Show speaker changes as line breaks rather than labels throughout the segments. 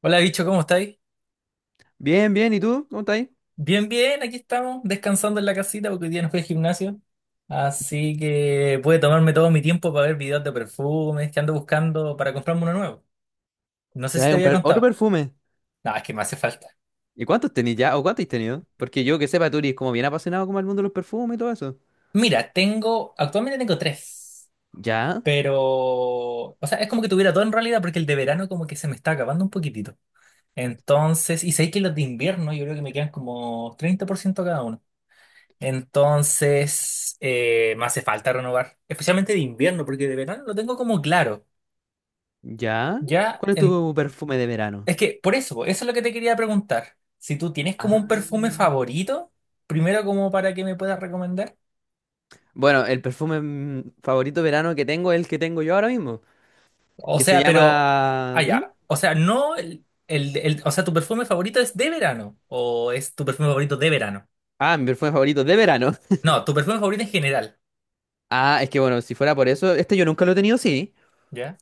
Hola, bicho, ¿cómo estáis?
Bien, bien, ¿y tú? ¿Cómo estás ahí?
Bien, bien, aquí estamos, descansando en la casita porque hoy día no fui al gimnasio. Así que pude tomarme todo mi tiempo para ver videos de perfumes que ando buscando para comprarme uno nuevo. No sé
Te
si
vas a
te había
comprar otro
contado.
perfume.
No, es que me hace falta.
¿Y cuántos tenés ya? ¿O cuántos has tenido? Porque yo que sepa, tú eres como bien apasionado como el mundo de los perfumes y todo eso.
Mira, tengo, actualmente tengo tres,
¿Ya?
pero, o sea, es como que tuviera todo en realidad porque el de verano como que se me está acabando un poquitito. Entonces, y sé que los de invierno yo creo que me quedan como 30% cada uno. Entonces, me hace falta renovar, especialmente de invierno, porque de verano lo tengo como claro.
¿Ya?
Ya,
¿Cuál es tu perfume de verano?
es que por eso, eso es lo que te quería preguntar. Si tú tienes como un perfume
Ah.
favorito, primero como para que me puedas recomendar.
Bueno, el perfume favorito de verano que tengo es el que tengo yo ahora mismo,
O
que se
sea, pero, ah,
llama... ¿Mm?
ya, o sea, no, o sea, tu perfume favorito es de verano, o es tu perfume favorito de verano.
Ah, mi perfume favorito de verano.
No, tu perfume favorito en general.
Ah, es que bueno, si fuera por eso, este yo nunca lo he tenido, sí,
Ya,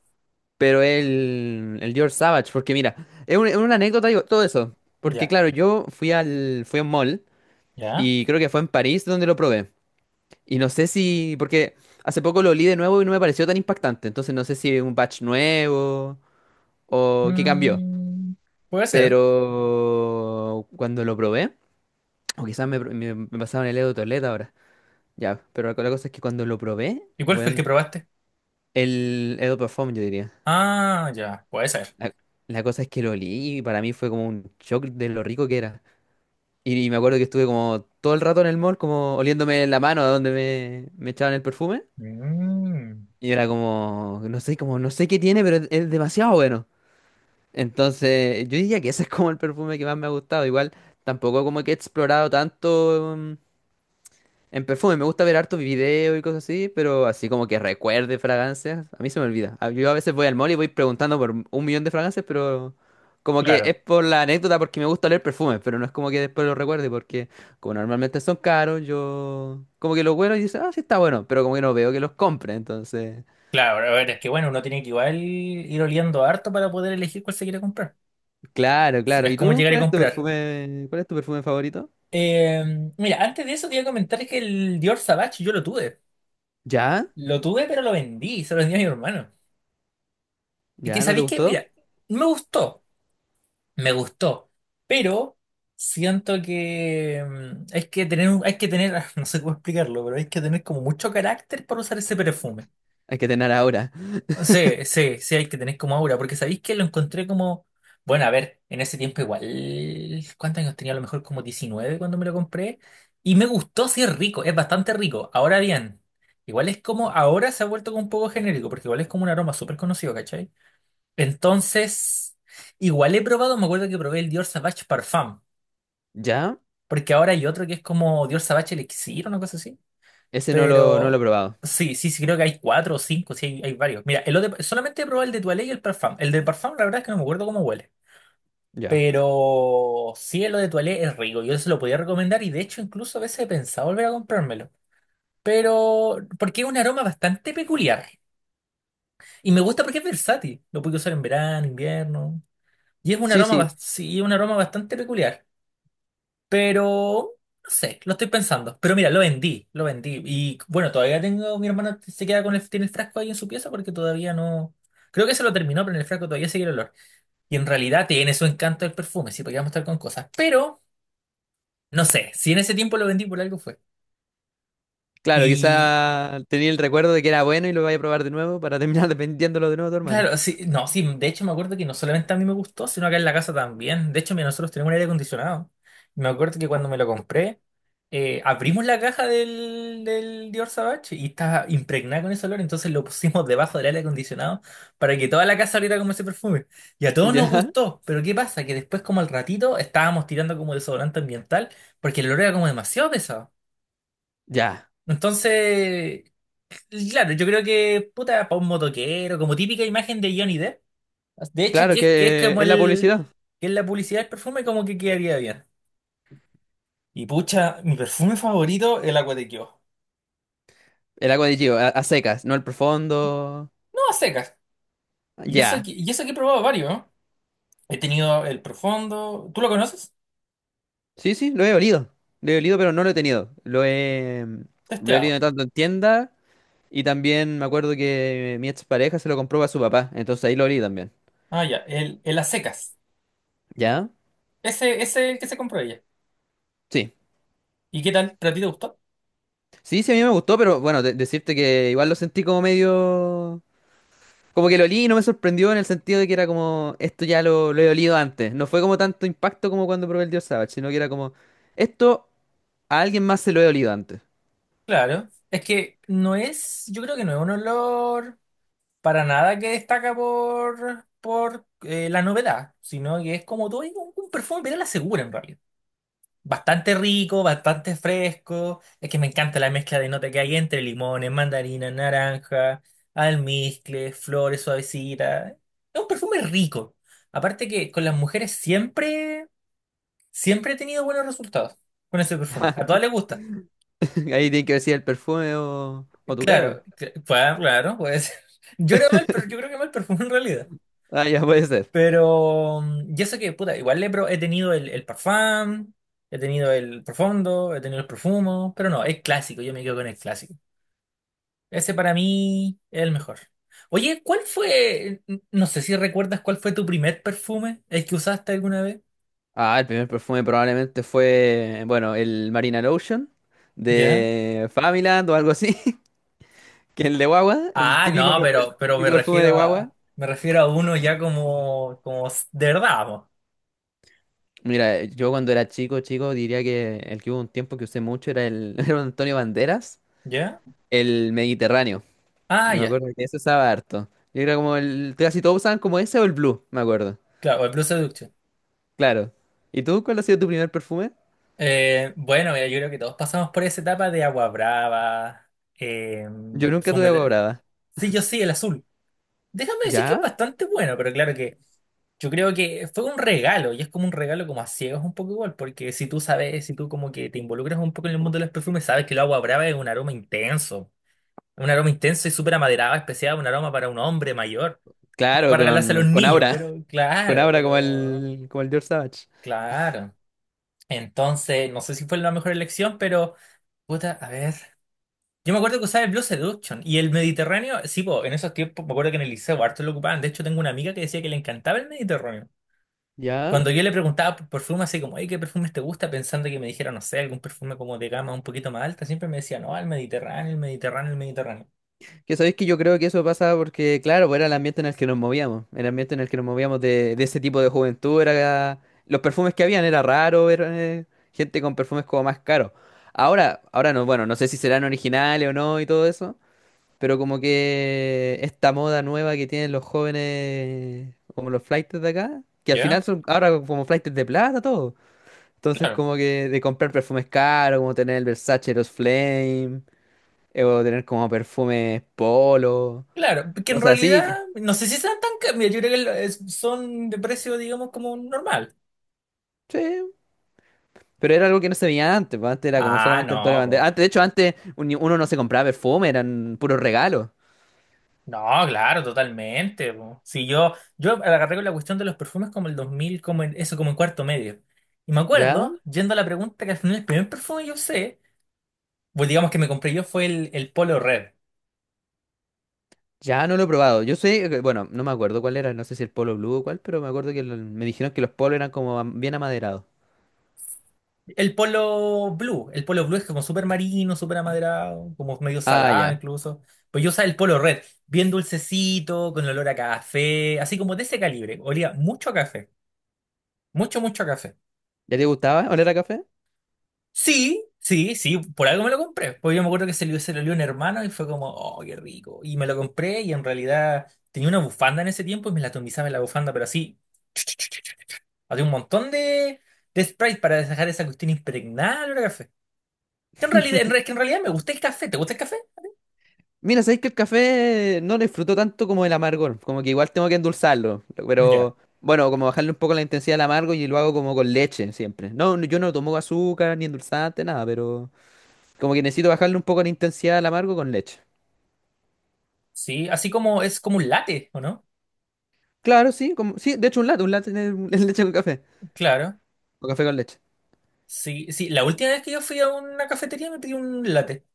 pero el Dior Savage, porque mira, es, es una anécdota y todo eso, porque
ya,
claro, yo fui a un mall.
ya.
Y creo que fue en París donde lo probé. Y no sé si, porque hace poco lo olí de nuevo y no me pareció tan impactante. Entonces no sé si es un batch nuevo o qué cambió.
Mm, puede ser.
Pero cuando lo probé, o quizás me pasaban el Edo Toilette ahora. Ya, pero la cosa es que cuando lo probé,
¿Y cuál fue el
bueno,
que probaste?
el Edo perfume yo diría.
Ah, ya, puede ser.
La, la cosa es que lo olí y para mí fue como un shock de lo rico que era. Y me acuerdo que estuve como todo el rato en el mall, como oliéndome la mano a donde me echaban el perfume.
Mm,
Y era como no sé qué tiene, pero es demasiado bueno. Entonces, yo diría que ese es como el perfume que más me ha gustado. Igual, tampoco como que he explorado tanto en perfume. Me gusta ver hartos videos y cosas así, pero así como que recuerde fragancias, a mí se me olvida. Yo a veces voy al mall y voy preguntando por un millón de fragancias, pero como que es
claro,
por la anécdota porque me gusta leer perfumes, pero no es como que después lo recuerde porque como normalmente son caros, yo como que los huelo y dice, ah, sí está bueno, pero como que no veo que los compre, entonces...
claro. A ver, es que bueno, uno tiene que igual ir oliendo harto para poder elegir cuál se quiere comprar.
Claro,
No
claro.
es
¿Y
como
tú?
llegar y
¿Cuál es tu
comprar.
perfume? ¿Cuál es tu perfume favorito?
Eh, mira, antes de eso te iba a comentar que el Dior Sauvage yo lo tuve.
¿Ya?
Lo tuve, pero lo vendí, se lo vendí a mi hermano. Y que
¿Ya? ¿No te
sabéis que,
gustó?
mira, me gustó, me gustó, pero siento que hay que tener, no sé cómo explicarlo, pero hay que tener como mucho carácter para usar ese perfume.
Hay que tener ahora.
Sí, sí, sí, hay que tener como aura, porque sabéis que lo encontré como, bueno, a ver, en ese tiempo igual, ¿cuántos años tenía? A lo mejor como 19 cuando me lo compré, y me gustó, sí es rico, es bastante rico. Ahora bien, igual es como, ahora se ha vuelto como un poco genérico, porque igual es como un aroma súper conocido, ¿cachai? Entonces, igual he probado, me acuerdo que probé el Dior Sauvage Parfum,
¿Ya?
porque ahora hay otro que es como Dior Sauvage Elixir, una cosa así.
Ese no lo he
Pero
probado.
sí, sí, sí, creo que hay 4 o 5, sí, hay varios. Mira, el otro, solamente he probado el de Toilé y el Parfum. El de Parfum, la verdad es que no me acuerdo cómo huele.
Ya.
Pero sí, el de Toilé es rico, yo se lo podía recomendar y de hecho incluso a veces he pensado volver a comprármelo. Pero porque es un aroma bastante peculiar. Y me gusta porque es versátil. Lo puedo usar en verano, invierno. Y es un
Sí,
aroma,
sí.
sí, un aroma bastante peculiar. Pero no sé, lo estoy pensando. Pero mira, lo vendí, lo vendí. Y bueno, todavía tengo, mi hermana se queda con el, tiene el frasco ahí en su pieza porque todavía no. Creo que se lo terminó, pero en el frasco todavía sigue el olor. Y en realidad tiene su encanto el perfume, sí, porque vamos a estar con cosas. Pero, no sé, si en ese tiempo lo vendí por algo fue.
Claro,
Y,
quizá tenía el recuerdo de que era bueno y lo vaya a probar de nuevo para terminar dependiéndolo de nuevo a tu hermano.
Claro, sí, no, sí, de hecho me acuerdo que no solamente a mí me gustó, sino acá en la casa también. De hecho, mira, nosotros tenemos un aire acondicionado. Me acuerdo que cuando me lo compré, abrimos la caja del Dior Sauvage y estaba impregnada con ese olor, entonces lo pusimos debajo del aire acondicionado para que toda la casa oliera como ese perfume. Y a todos nos
¿Ya?
gustó, pero ¿qué pasa? Que después, como al ratito, estábamos tirando como desodorante ambiental porque el olor era como demasiado pesado.
Ya.
Entonces, claro, yo creo que, puta, para un motoquero, como típica imagen de Johnny Depp. De hecho,
Claro
que es
que
como
es la
el...
publicidad.
Que es la publicidad del perfume como que quedaría bien. Y pucha, mi perfume favorito es el Agua de Kio.
El agua de Gio, a secas, no el profundo.
No, a secas. Y eso,
Ya.
y eso que he probado varios, ¿no? He tenido el profundo. ¿Tú lo conoces?
Sí, sí, lo he olido. Lo he olido, pero no lo he tenido. Lo he
Testeado.
olido tanto en tienda. Y también me acuerdo que mi expareja se lo compró a su papá, entonces ahí lo olí también.
Ah, ya. El a secas.
¿Ya?
Ese es el que se compró ella.
Sí.
¿Y qué tal? ¿Para ti te gustó?
Sí, sí, a mí me gustó, pero bueno, decirte que igual lo sentí como medio... Como que lo olí y no me sorprendió en el sentido de que era como, esto ya lo he olido antes. No fue como tanto impacto como cuando probé el Dios Savage, sino que era como, esto a alguien más se lo he olido antes.
Claro. Es que no es. Yo creo que no es un olor para nada que destaca por la novedad. Sino que es como todo es un, perfume, pero a la segura en realidad. Bastante rico, bastante fresco. Es que me encanta la mezcla de nota que hay entre limones, mandarina, naranja, almizcle, flores suavecitas. Es un perfume rico. Aparte que con las mujeres siempre, siempre he tenido buenos resultados con ese perfume. A todas les gusta.
Ahí tiene que decir el perfume o tu cara. Po.
Claro, claro, claro, puede ser. Yo era mal, pero yo creo que mal perfume en realidad.
Ah, ya puede ser.
Pero yo sé que, puta, igual he tenido el parfum, he tenido el profundo, he tenido el profumo, pero no, el clásico, yo me quedo con el clásico. Ese para mí es el mejor. Oye, ¿cuál fue? No sé si recuerdas cuál fue tu primer perfume, el que usaste alguna vez.
Ah, el primer perfume probablemente fue, bueno, el Marina Lotion
¿Ya?
de Familand o algo así, que el de guagua,
Ah, no,
el
pero me
típico perfume
refiero
de guagua.
a, uno ya como, de verdad, po.
Mira, yo cuando era chico, chico, diría que el que hubo un tiempo que usé mucho era el, era un Antonio Banderas,
¿Ya?
el Mediterráneo.
Ah,
Yo me
ya,
acuerdo que ese usaba harto. Yo era como el, casi todos usaban como ese o el Blue, me acuerdo.
claro, el Blue Seduction.
Claro. ¿Y tú cuál ha sido tu primer perfume?
Bueno, mira, yo creo que todos pasamos por esa etapa de agua brava, eh,
Yo nunca tuve
perfume
agua
de...
brava.
Sí, yo sí, el azul. Déjame decir que es
¿Ya?
bastante bueno, pero claro que yo creo que fue un regalo y es como un regalo como a ciegas un poco igual, porque si tú sabes, si tú como que te involucras un poco en el mundo de los perfumes, sabes que el agua brava es un aroma intenso y súper amaderado, especial, un aroma para un hombre mayor, no
Claro,
para regalarse a los
con
niños,
Aura.
pero
Con
claro,
Aura
pero
como el George Savage.
claro. Entonces, no sé si fue la mejor elección, pero... Puta, a ver. Yo me acuerdo que usaba el Blue Seduction y el Mediterráneo, sí, po, en esos tiempos me acuerdo que en el liceo harto lo ocupaban. De hecho, tengo una amiga que decía que le encantaba el Mediterráneo.
Ya,
Cuando yo le preguntaba por perfume, así como, hey, ¿qué perfumes te gusta? Pensando que me dijera, no sé, algún perfume como de gama un poquito más alta, siempre me decía, no, el Mediterráneo, el Mediterráneo, el Mediterráneo.
que sabéis que yo creo que eso pasa porque, claro, pues era el ambiente en el que nos movíamos, el ambiente en el que nos movíamos de ese tipo de juventud, era, los perfumes que habían era raro ver gente con perfumes como más caros. Ahora, ahora no, bueno, no sé si serán originales o no y todo eso, pero como que esta moda nueva que tienen los jóvenes, como los flaites de acá, que al final
¿Ya?
son ahora como flaites de plata, todo. Entonces
Claro.
como que de comprar perfumes caros, como tener el Versace, los Flame. Eh, o tener como perfumes polo,
Claro, que en
cosas así.
realidad,
Que...
no sé si sean tan caros. Mira, yo creo que son de precio, digamos, como normal.
Sí, pero era algo que no se veía antes, pues, antes era como
Ah,
solamente Antonio
no, pues.
Banderas. Antes, de hecho, antes uno no se compraba perfume, eran puros regalos.
No, claro, totalmente. Po. Si yo agarré con la cuestión de los perfumes como el 2000, como en cuarto medio. Y me
Ya,
acuerdo, yendo a la pregunta, que al final el primer perfume yo sé, pues digamos que me compré yo fue el Polo Red.
ya no lo he probado. Yo sé, bueno, no me acuerdo cuál era, no sé si el polo blue o cuál, pero me acuerdo que me dijeron que los polos eran como bien amaderados.
El Polo Blue. El Polo Blue es como súper marino, súper amaderado, como medio
Ah,
salado
ya.
incluso. Pues yo usaba el Polo Red, bien dulcecito, con olor a café, así como de ese calibre. Olía mucho a café, mucho, mucho a café.
¿Ya te gustaba oler a café?
Sí, sí, sí, por algo me lo compré. Porque yo me acuerdo que se lo dio un hermano y fue como, oh, qué rico. Y me lo compré y en realidad tenía una bufanda en ese tiempo y me la atomizaba en la bufanda, pero así, había un montón de Sprite para dejar esa cuestión impregnada al olor a café. Que en realidad me gusta el café. ¿Te gusta el café?
Mira, sabéis que el café no lo disfruto tanto como el amargor, como que igual tengo que endulzarlo,
Ya.
pero bueno, como bajarle un poco la intensidad al amargo y lo hago como con leche siempre. No, yo no tomo azúcar ni endulzante, nada, pero como que necesito bajarle un poco la intensidad al amargo con leche.
Sí, así como es como un latte, ¿o no?
Claro, sí, como sí, de hecho un latte es leche con café,
Claro.
o café con leche.
Sí, sí. La última vez que yo fui a una cafetería me pedí un latte.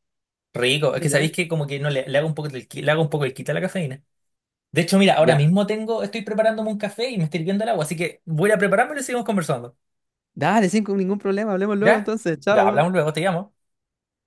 Rico. Es que
Mira,
sabéis que como que no le hago un poco el quita a la cafeína. De hecho, mira, ahora
ya.
mismo tengo, estoy preparándome un café y me estoy hirviendo el agua, así que voy a prepararme y lo seguimos conversando.
Dale, sin ningún problema, hablemos luego
¿Ya?
entonces,
Ya,
chao.
hablamos luego, te llamo.